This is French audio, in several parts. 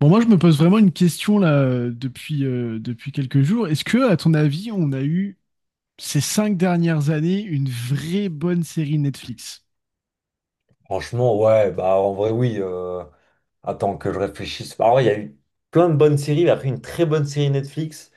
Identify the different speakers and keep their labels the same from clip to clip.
Speaker 1: Bon, moi, je me pose vraiment une question là depuis, depuis quelques jours. Est-ce que, à ton avis, on a eu ces cinq dernières années une vraie bonne série Netflix?
Speaker 2: Franchement, ouais, bah en vrai, oui. Attends que je réfléchisse. En vrai, il y a eu plein de bonnes séries. Il y a eu une très bonne série Netflix.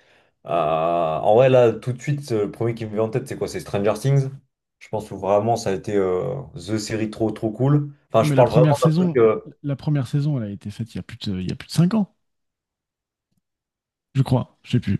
Speaker 2: En vrai, là, tout de suite, le premier qui me vient en tête, c'est quoi? C'est Stranger Things. Je pense que vraiment, ça a été the série trop, trop cool. Enfin,
Speaker 1: Non,
Speaker 2: je
Speaker 1: mais
Speaker 2: parle vraiment d'un truc.
Speaker 1: la première saison, elle a été faite il y a plus de, il y a plus de cinq ans, je crois. Je sais plus.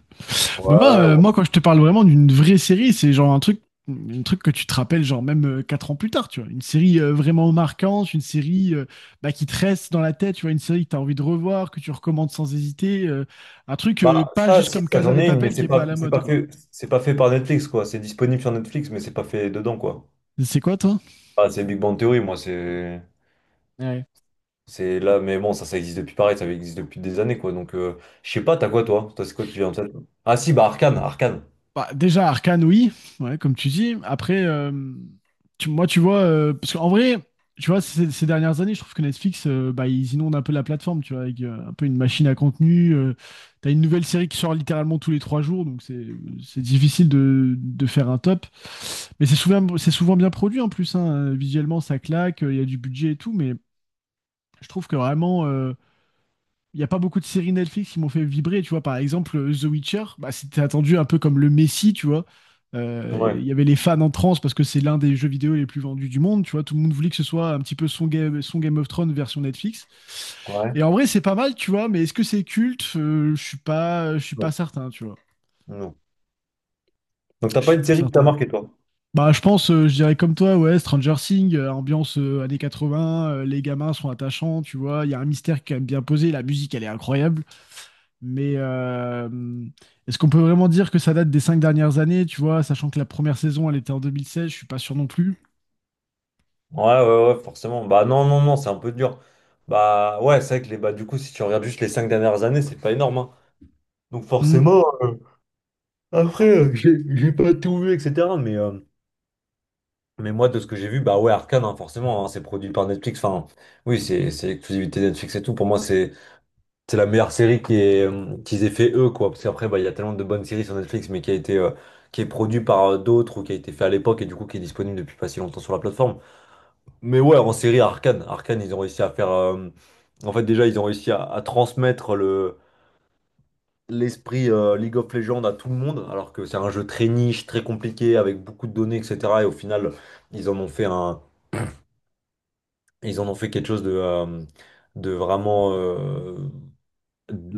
Speaker 1: Bah, moi,
Speaker 2: Ouais, ouais.
Speaker 1: moi, quand je te parle vraiment d'une vraie série, c'est genre un truc que tu te rappelles genre même quatre ans plus tard, tu vois. Une série vraiment marquante, une série bah, qui te reste dans la tête, tu vois, une série que tu as envie de revoir, que tu recommandes sans hésiter, un truc
Speaker 2: Bah,
Speaker 1: pas
Speaker 2: ça,
Speaker 1: juste
Speaker 2: si,
Speaker 1: comme
Speaker 2: ça,
Speaker 1: Casa
Speaker 2: j'en
Speaker 1: des
Speaker 2: ai une, mais
Speaker 1: Papel qui
Speaker 2: c'est
Speaker 1: est pas à
Speaker 2: pas,
Speaker 1: la
Speaker 2: c'est
Speaker 1: mode,
Speaker 2: pas
Speaker 1: quoi.
Speaker 2: fait, c'est pas fait par Netflix, quoi. C'est disponible sur Netflix, mais c'est pas fait dedans, quoi.
Speaker 1: C'est quoi, toi?
Speaker 2: Ah, c'est Big Bang Theory, moi, c'est.
Speaker 1: Ouais.
Speaker 2: C'est là, mais bon, ça existe depuis pareil, ça existe depuis des années, quoi. Donc, je sais pas, t'as quoi, toi? Toi, c'est quoi qui vient en tête? Ah, si, bah, Arcane, Arcane.
Speaker 1: Bah, déjà, Arcane, oui, ouais, comme tu dis. Après, moi, tu vois, parce qu'en vrai, tu vois, ces dernières années, je trouve que Netflix, bah, ils inondent un peu la plateforme, tu vois, avec un peu une machine à contenu. T'as une nouvelle série qui sort littéralement tous les trois jours, donc c'est difficile de faire un top. Mais c'est souvent bien produit en plus, hein. Visuellement, ça claque, il y a du budget et tout, mais je trouve que vraiment. Il n'y a pas beaucoup de séries Netflix qui m'ont fait vibrer, tu vois. Par exemple, The Witcher, bah, c'était attendu un peu comme le Messi, tu vois. Il
Speaker 2: Ouais,
Speaker 1: y avait les fans en transe parce que c'est l'un des jeux vidéo les plus vendus du monde, tu vois. Tout le monde voulait que ce soit un petit peu son Game of Thrones version Netflix. Et
Speaker 2: ouais.
Speaker 1: en vrai, c'est pas mal, tu vois, mais est-ce que c'est culte? Je suis pas, je suis pas
Speaker 2: Non.
Speaker 1: certain, tu vois.
Speaker 2: Non. Donc, t'as
Speaker 1: Je
Speaker 2: pas
Speaker 1: suis
Speaker 2: une
Speaker 1: pas
Speaker 2: série qui t'a
Speaker 1: certain.
Speaker 2: marqué, toi?
Speaker 1: Bah, je pense, je dirais comme toi, ouais, Stranger Things, ambiance années 80, les gamins sont attachants, tu vois, il y a un mystère qui est quand même bien posé, la musique, elle est incroyable. Mais est-ce qu'on peut vraiment dire que ça date des cinq dernières années, tu vois, sachant que la première saison, elle était en 2016, je suis pas sûr non plus.
Speaker 2: Ouais, ouais, ouais, forcément. Bah, non, non, non, c'est un peu dur. Bah, ouais, c'est vrai que les, bah, du coup, si tu regardes juste les cinq dernières années, c'est pas énorme, hein. Donc,
Speaker 1: Mm,
Speaker 2: forcément, après, j'ai pas tout vu, etc. Mais moi, de ce que j'ai vu, bah, ouais, Arcane, hein, forcément, hein, c'est produit par Netflix. Enfin, oui, c'est l'exclusivité Netflix et tout. Pour moi, c'est. C'est la meilleure série qui est, qu'ils aient fait eux, quoi. Parce qu'après, bah, il y a tellement de bonnes séries sur Netflix, mais qui a été, qui est produit par d'autres ou qui a été fait à l'époque et du coup qui est disponible depuis pas si longtemps sur la plateforme. Mais ouais, en série Arcane, Arcane, ils ont réussi à faire. En fait, déjà, ils ont réussi à transmettre le l'esprit League of Legends à tout le monde, alors que c'est un jeu très niche, très compliqué, avec beaucoup de données, etc. Et au final, ils en ont fait un, ils en ont fait quelque chose de vraiment.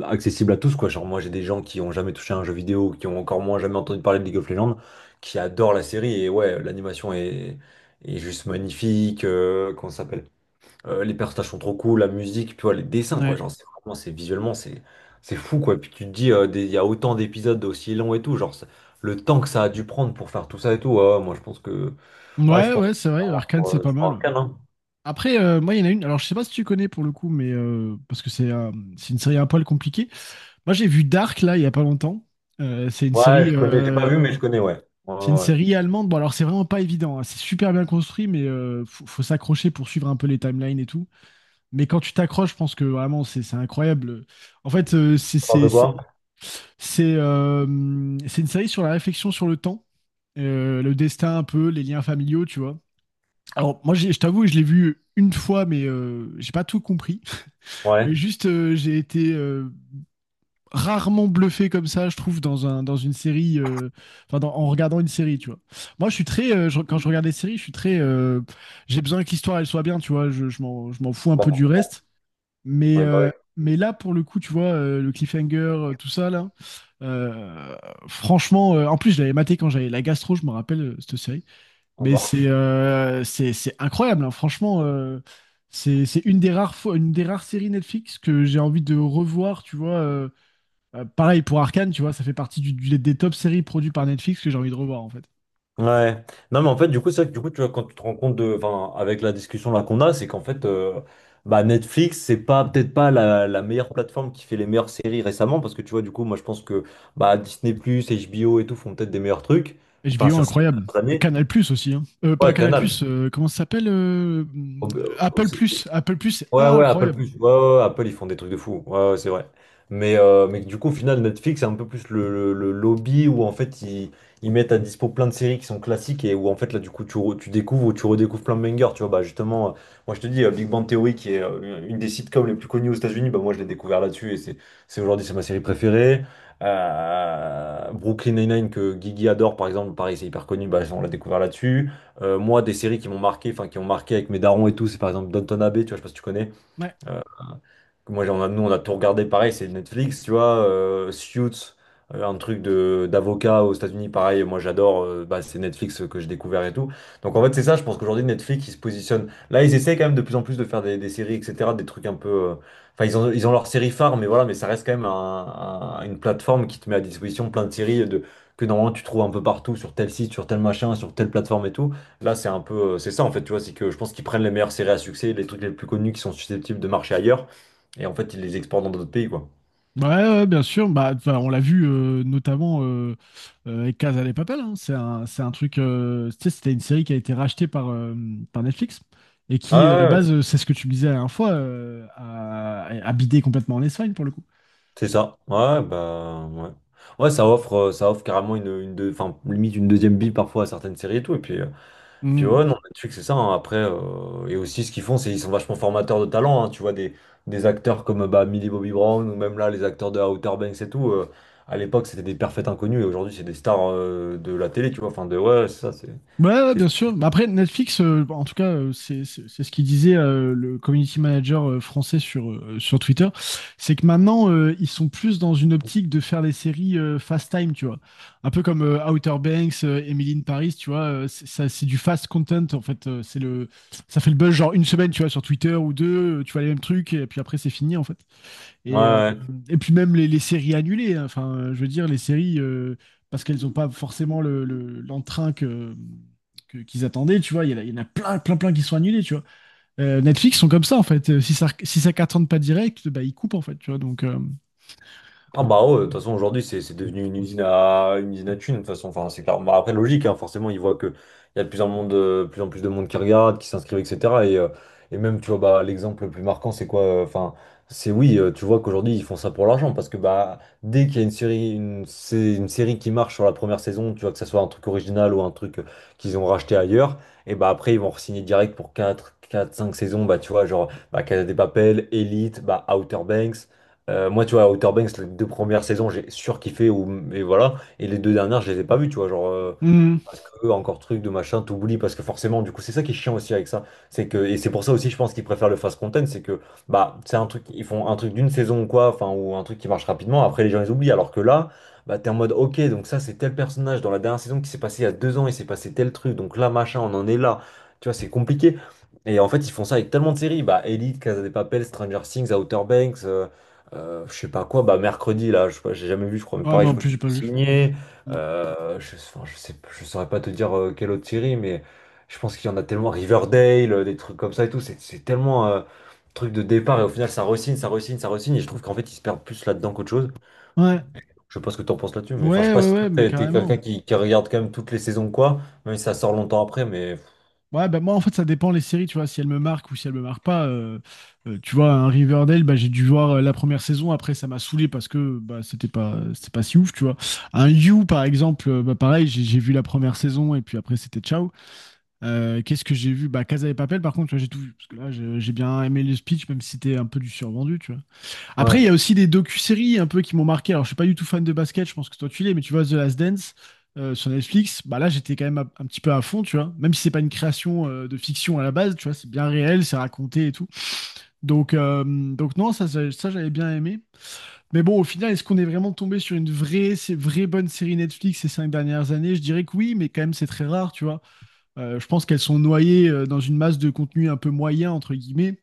Speaker 2: Accessible à tous, quoi. Genre, moi, j'ai des gens qui ont jamais touché à un jeu vidéo, qui ont encore moins jamais entendu parler de League of Legends, qui adorent la série. Et ouais, est juste magnifique. Comment ça s'appelle? Les personnages sont trop cool, la musique, tu vois, les dessins, quoi.
Speaker 1: ouais.
Speaker 2: Genre, c'est vraiment, c'est visuellement, c'est fou, quoi. Puis tu te dis, il y a autant d'épisodes aussi longs et tout. Le temps que ça a dû prendre pour faire tout ça et tout, ouais, moi, je pense que. Ouais, je
Speaker 1: Ouais,
Speaker 2: pense
Speaker 1: ouais,
Speaker 2: que
Speaker 1: c'est
Speaker 2: c'est
Speaker 1: vrai,
Speaker 2: vraiment
Speaker 1: Arcane,
Speaker 2: sur,
Speaker 1: c'est pas
Speaker 2: sur
Speaker 1: mal, ouais.
Speaker 2: Arcane, hein.
Speaker 1: Après, moi, il y en a une, alors je sais pas si tu connais pour le coup, mais parce que c'est une série un poil compliquée. Moi, j'ai vu Dark, là, il y a pas longtemps. Euh, c'est une
Speaker 2: Ouais, je
Speaker 1: série,
Speaker 2: connais, j'ai pas
Speaker 1: euh,
Speaker 2: vu, mais je connais, ouais. Ouais,
Speaker 1: c'est une
Speaker 2: ouais, ouais.
Speaker 1: série allemande. Bon, alors, c'est vraiment pas évident, hein. C'est super bien construit, mais faut, faut s'accrocher pour suivre un peu les timelines et tout. Mais quand tu t'accroches, je pense que vraiment, c'est incroyable. En fait,
Speaker 2: Un peu quoi?
Speaker 1: c'est, euh, c'est une série sur la réflexion sur le temps, le destin un peu, les liens familiaux, tu vois. Alors, moi, je t'avoue, je l'ai vu une fois, mais j'ai pas tout compris. Mais
Speaker 2: Ouais.
Speaker 1: juste, j'ai été rarement bluffé comme ça, je trouve, dans un, dans une série, en regardant une série, tu vois. Moi, je suis très, quand je regarde des séries, je suis très, j'ai besoin que l'histoire, elle soit bien, tu vois. Je, je m'en fous un peu
Speaker 2: Bah,
Speaker 1: du reste. Mais,
Speaker 2: ouais, bah,
Speaker 1: euh,
Speaker 2: ouais.
Speaker 1: mais là, pour le coup, tu vois, le cliffhanger, tout ça, là, euh, franchement, en plus, je l'avais maté quand j'avais la gastro, je me rappelle, cette série.
Speaker 2: En
Speaker 1: Mais
Speaker 2: bas.
Speaker 1: c'est incroyable, hein, franchement. C'est une des rares fois, une des rares séries Netflix que j'ai envie de revoir, tu vois. Pareil pour Arcane, tu vois, ça fait partie des top séries produites par Netflix que j'ai envie de revoir, en fait.
Speaker 2: Ouais. Non, mais en fait, du coup, c'est vrai que du coup, tu vois, quand tu te rends compte de, enfin, avec la discussion là qu'on a, c'est qu'en fait, bah, Netflix, c'est pas peut-être pas la, la meilleure plateforme qui fait les meilleures séries récemment, parce que tu vois, du coup, moi, je pense que bah, Disney+, HBO et tout font peut-être des meilleurs trucs, enfin,
Speaker 1: HBO,
Speaker 2: sur ces
Speaker 1: incroyable.
Speaker 2: dernières
Speaker 1: Et
Speaker 2: années.
Speaker 1: Canal Plus aussi, hein. Pas
Speaker 2: Ouais,
Speaker 1: Canal Plus,
Speaker 2: Canal.
Speaker 1: comment ça s'appelle
Speaker 2: Au-
Speaker 1: Apple
Speaker 2: au-
Speaker 1: Plus. Apple Plus, c'est
Speaker 2: Ouais, ouais, Apple
Speaker 1: incroyable.
Speaker 2: plus. Ouais, ouais, ouais, Apple, ils font des trucs de fou. Ouais, ouais, c'est vrai. Mais du coup, au final, Netflix, c'est un peu plus le lobby où en fait, ils mettent à dispo plein de séries qui sont classiques et où en fait, là, du coup, tu découvres ou tu redécouvres plein de bangers. Tu vois, bah justement, moi, je te dis, Big Bang Theory, qui est une des sitcoms les plus connues aux États-Unis, bah moi, je l'ai découvert là-dessus et c'est aujourd'hui, c'est ma série préférée. Brooklyn Nine-Nine que Guigui adore par exemple, pareil c'est hyper connu, bah, on l'a découvert là-dessus. Moi des séries qui m'ont marqué, enfin qui ont marqué avec mes darons et tout, c'est par exemple Downton Abbey, tu vois, je sais pas si tu connais.
Speaker 1: Ouais.
Speaker 2: Euh, nous, on a tout regardé pareil, c'est Netflix, tu vois. Suits, un truc de d'avocat aux États-Unis, pareil. Moi, j'adore. Bah, c'est Netflix que j'ai découvert et tout. Donc, en fait, c'est ça. Je pense qu'aujourd'hui, Netflix, ils se positionnent. Là, ils essaient quand même de plus en plus de faire des séries, etc. Des trucs un peu. Enfin, ils ont leur série phare, mais voilà, mais ça reste quand même une plateforme qui te met à disposition plein de séries de, que normalement tu trouves un peu partout, sur tel site, sur tel machin, sur telle plateforme et tout. Là, c'est un peu, c'est ça en fait, tu vois, c'est que je pense qu'ils prennent les meilleures séries à succès, les trucs les plus connus qui sont susceptibles de marcher ailleurs, et en fait, ils les exportent dans d'autres pays, quoi.
Speaker 1: Ouais, ouais, ouais, bien sûr. Bah, enfin, on l'a vu notamment avec Casa de Papel, hein. C'est un, c'est un truc. Tu sais, c'était une série qui a été rachetée par, par Netflix et
Speaker 2: Ouais,
Speaker 1: qui, à la
Speaker 2: ouais, ouais,
Speaker 1: base, c'est ce que tu me disais la dernière fois, a bidé complètement en Espagne pour le coup.
Speaker 2: c'est ça. Ouais, bah, ouais. Ouais, ça offre carrément enfin, limite une deuxième bille parfois à certaines séries et tout. Et puis, puis ouais, non,
Speaker 1: Mm.
Speaker 2: Netflix, c'est ça, hein. Après, et aussi, ce qu'ils font, c'est qu'ils sont vachement formateurs de talent, hein. Tu vois, des acteurs comme bah, Millie Bobby Brown ou même là, les acteurs de Outer Banks et tout. À l'époque, c'était des parfaits inconnus et aujourd'hui, c'est des stars de la télé, tu vois. Enfin, de ouais, c'est ça, c'est.
Speaker 1: Ouais, ouais,
Speaker 2: c'est-
Speaker 1: bien sûr. Mais après, Netflix, bon, en tout cas, c'est ce qu'il disait le community manager français sur, sur Twitter, c'est que maintenant, ils sont plus dans une optique de faire des séries fast time, tu vois. Un peu comme Outer Banks, Emily in Paris, tu vois. C'est ça, c'est du fast content, en fait. Ça fait le buzz, genre une semaine, tu vois, sur Twitter ou deux, tu vois les mêmes trucs, et puis après, c'est fini, en fait.
Speaker 2: Ouais,
Speaker 1: Et, euh,
Speaker 2: ouais.
Speaker 1: et puis même les séries annulées, hein. Enfin, je veux dire, les séries, parce qu'elles n'ont pas forcément l'entrain que, qu'ils attendaient, tu vois, il y en a plein, plein, plein qui sont annulés, tu vois. Netflix sont comme ça, en fait. Si ça, si ça cartonne pas direct, bah, ils coupent, en fait, tu vois, donc...
Speaker 2: Ah bah ouais, de toute façon aujourd'hui c'est devenu une usine à thunes de toute façon enfin c'est clair. Bah, après logique hein, forcément ils voient que il y a de plus en monde plus en plus de monde qui regarde qui s'inscrivent etc et, euh, et même tu vois bah l'exemple le plus marquant c'est quoi enfin c'est oui tu vois qu'aujourd'hui ils font ça pour l'argent parce que bah dès qu'il y a une série qui marche sur la première saison tu vois que ça soit un truc original ou un truc qu'ils ont racheté ailleurs et bah après ils vont re-signer direct pour quatre 5 saisons bah tu vois genre bah, Casa des Papel, Elite bah Outer Banks moi, tu vois, Outer Banks, les deux premières saisons, j'ai surkiffé, ou, et voilà. Et les deux dernières, je les ai pas vues, tu vois. Genre,
Speaker 1: Mhm.
Speaker 2: parce que, encore truc de machin, t'oublies, parce que forcément, du coup, c'est ça qui est chiant aussi avec ça. C'est que, et c'est pour ça aussi, je pense qu'ils préfèrent le fast content, c'est que, bah, c'est un truc, ils font un truc d'une saison ou quoi, enfin, ou un truc qui marche rapidement, après les gens les oublient, alors que là, bah, t'es en mode, ok, donc ça, c'est tel personnage dans la dernière saison qui s'est passé il y a deux ans, il s'est passé tel truc, donc là, machin, on en est là. Tu vois, c'est compliqué. Et en fait, ils font ça avec tellement de séries, bah, Elite, Casa de Papel, Stranger Things, Outer Banks, je sais pas quoi, bah, mercredi, là, je sais pas, j'ai jamais vu, je crois, mais
Speaker 1: Ouais, bah,
Speaker 2: pareil, je
Speaker 1: en
Speaker 2: crois
Speaker 1: plus,
Speaker 2: qu'ils
Speaker 1: j'ai
Speaker 2: ont
Speaker 1: pas vu.
Speaker 2: signé.
Speaker 1: Mm.
Speaker 2: Je, enfin, je sais, je saurais pas te dire quelle autre série, mais je pense qu'il y en a tellement Riverdale, des trucs comme ça et tout. C'est tellement truc de départ et au final ça re-signe, ça re-signe, ça re-signe. Et je trouve qu'en fait ils se perdent plus là-dedans qu'autre chose.
Speaker 1: Ouais,
Speaker 2: Je sais pas ce que t'en penses là-dessus, mais enfin je sais
Speaker 1: ouais,
Speaker 2: pas
Speaker 1: ouais,
Speaker 2: si toi
Speaker 1: ouais, mais
Speaker 2: t'es quelqu'un
Speaker 1: carrément.
Speaker 2: qui regarde quand même toutes les saisons ou quoi, même si ça sort longtemps après, mais
Speaker 1: Ouais, bah moi en fait ça dépend les séries, tu vois, si elles me marquent ou si elles me marquent pas. Tu vois, un Riverdale, bah, j'ai dû voir la première saison, après ça m'a saoulé parce que bah, c'était pas si ouf, tu vois. Un You par exemple, bah, pareil, j'ai vu la première saison et puis après c'était ciao. Qu'est-ce que j'ai vu? Bah Casa de Papel par contre, tu vois, j'ai tout vu, parce que là j'ai bien aimé le speech, même si c'était un peu du survendu, tu vois. Après, il
Speaker 2: ouais,
Speaker 1: y a aussi des docu-séries un peu qui m'ont marqué. Alors, je suis pas du tout fan de basket, je pense que toi tu l'es, mais tu vois The Last Dance sur Netflix, bah là j'étais quand même un petit peu à fond, tu vois. Même si c'est pas une création de fiction à la base, tu vois, c'est bien réel, c'est raconté et tout. Donc non, ça, j'avais bien aimé. Mais bon, au final, est-ce qu'on est vraiment tombé sur une vraie, c'est vraie bonne série Netflix ces cinq dernières années? Je dirais que oui, mais quand même c'est très rare, tu vois. Je pense qu'elles sont noyées dans une masse de contenu un peu moyen entre guillemets.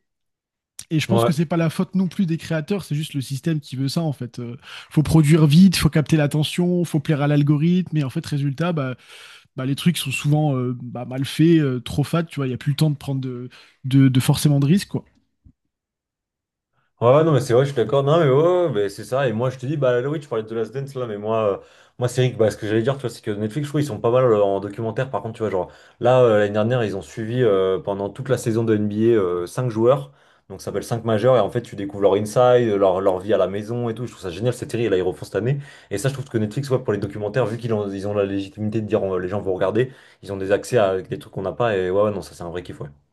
Speaker 1: Et je pense que
Speaker 2: ouais.
Speaker 1: c'est pas la faute non plus des créateurs, c'est juste le système qui veut ça en fait. Faut produire vite, faut capter l'attention, faut plaire à l'algorithme, et en fait résultat, bah, bah, les trucs sont souvent bah, mal faits, trop fat, tu vois, il y a plus le temps de prendre de, de forcément de risques quoi.
Speaker 2: Ouais, ouais, non, mais c'est vrai, je suis d'accord. Non, mais ouais, ouais, mais c'est ça. Et moi, je te dis, bah là, oui, tu parlais de The Last Dance, là, mais moi, moi c'est vrai que bah, ce que j'allais dire, tu vois, c'est que Netflix, je trouve, ils sont pas mal en documentaire. Par contre, tu vois, genre, là, l'année dernière, ils ont suivi pendant toute la saison de NBA 5 joueurs. Donc, ça s'appelle 5 majeurs. Et en fait, tu découvres leur inside, leur vie à la maison et tout. Je trouve ça génial, cette série. Et là, ils refont cette année. Et ça, je trouve que Netflix, ouais, pour les documentaires, vu qu'ils ont, ils ont la légitimité de dire, les gens vont regarder, ils ont des accès à des trucs qu'on n'a pas. Et ouais, ouais, non, ça, c'est un vrai kiff, ouais.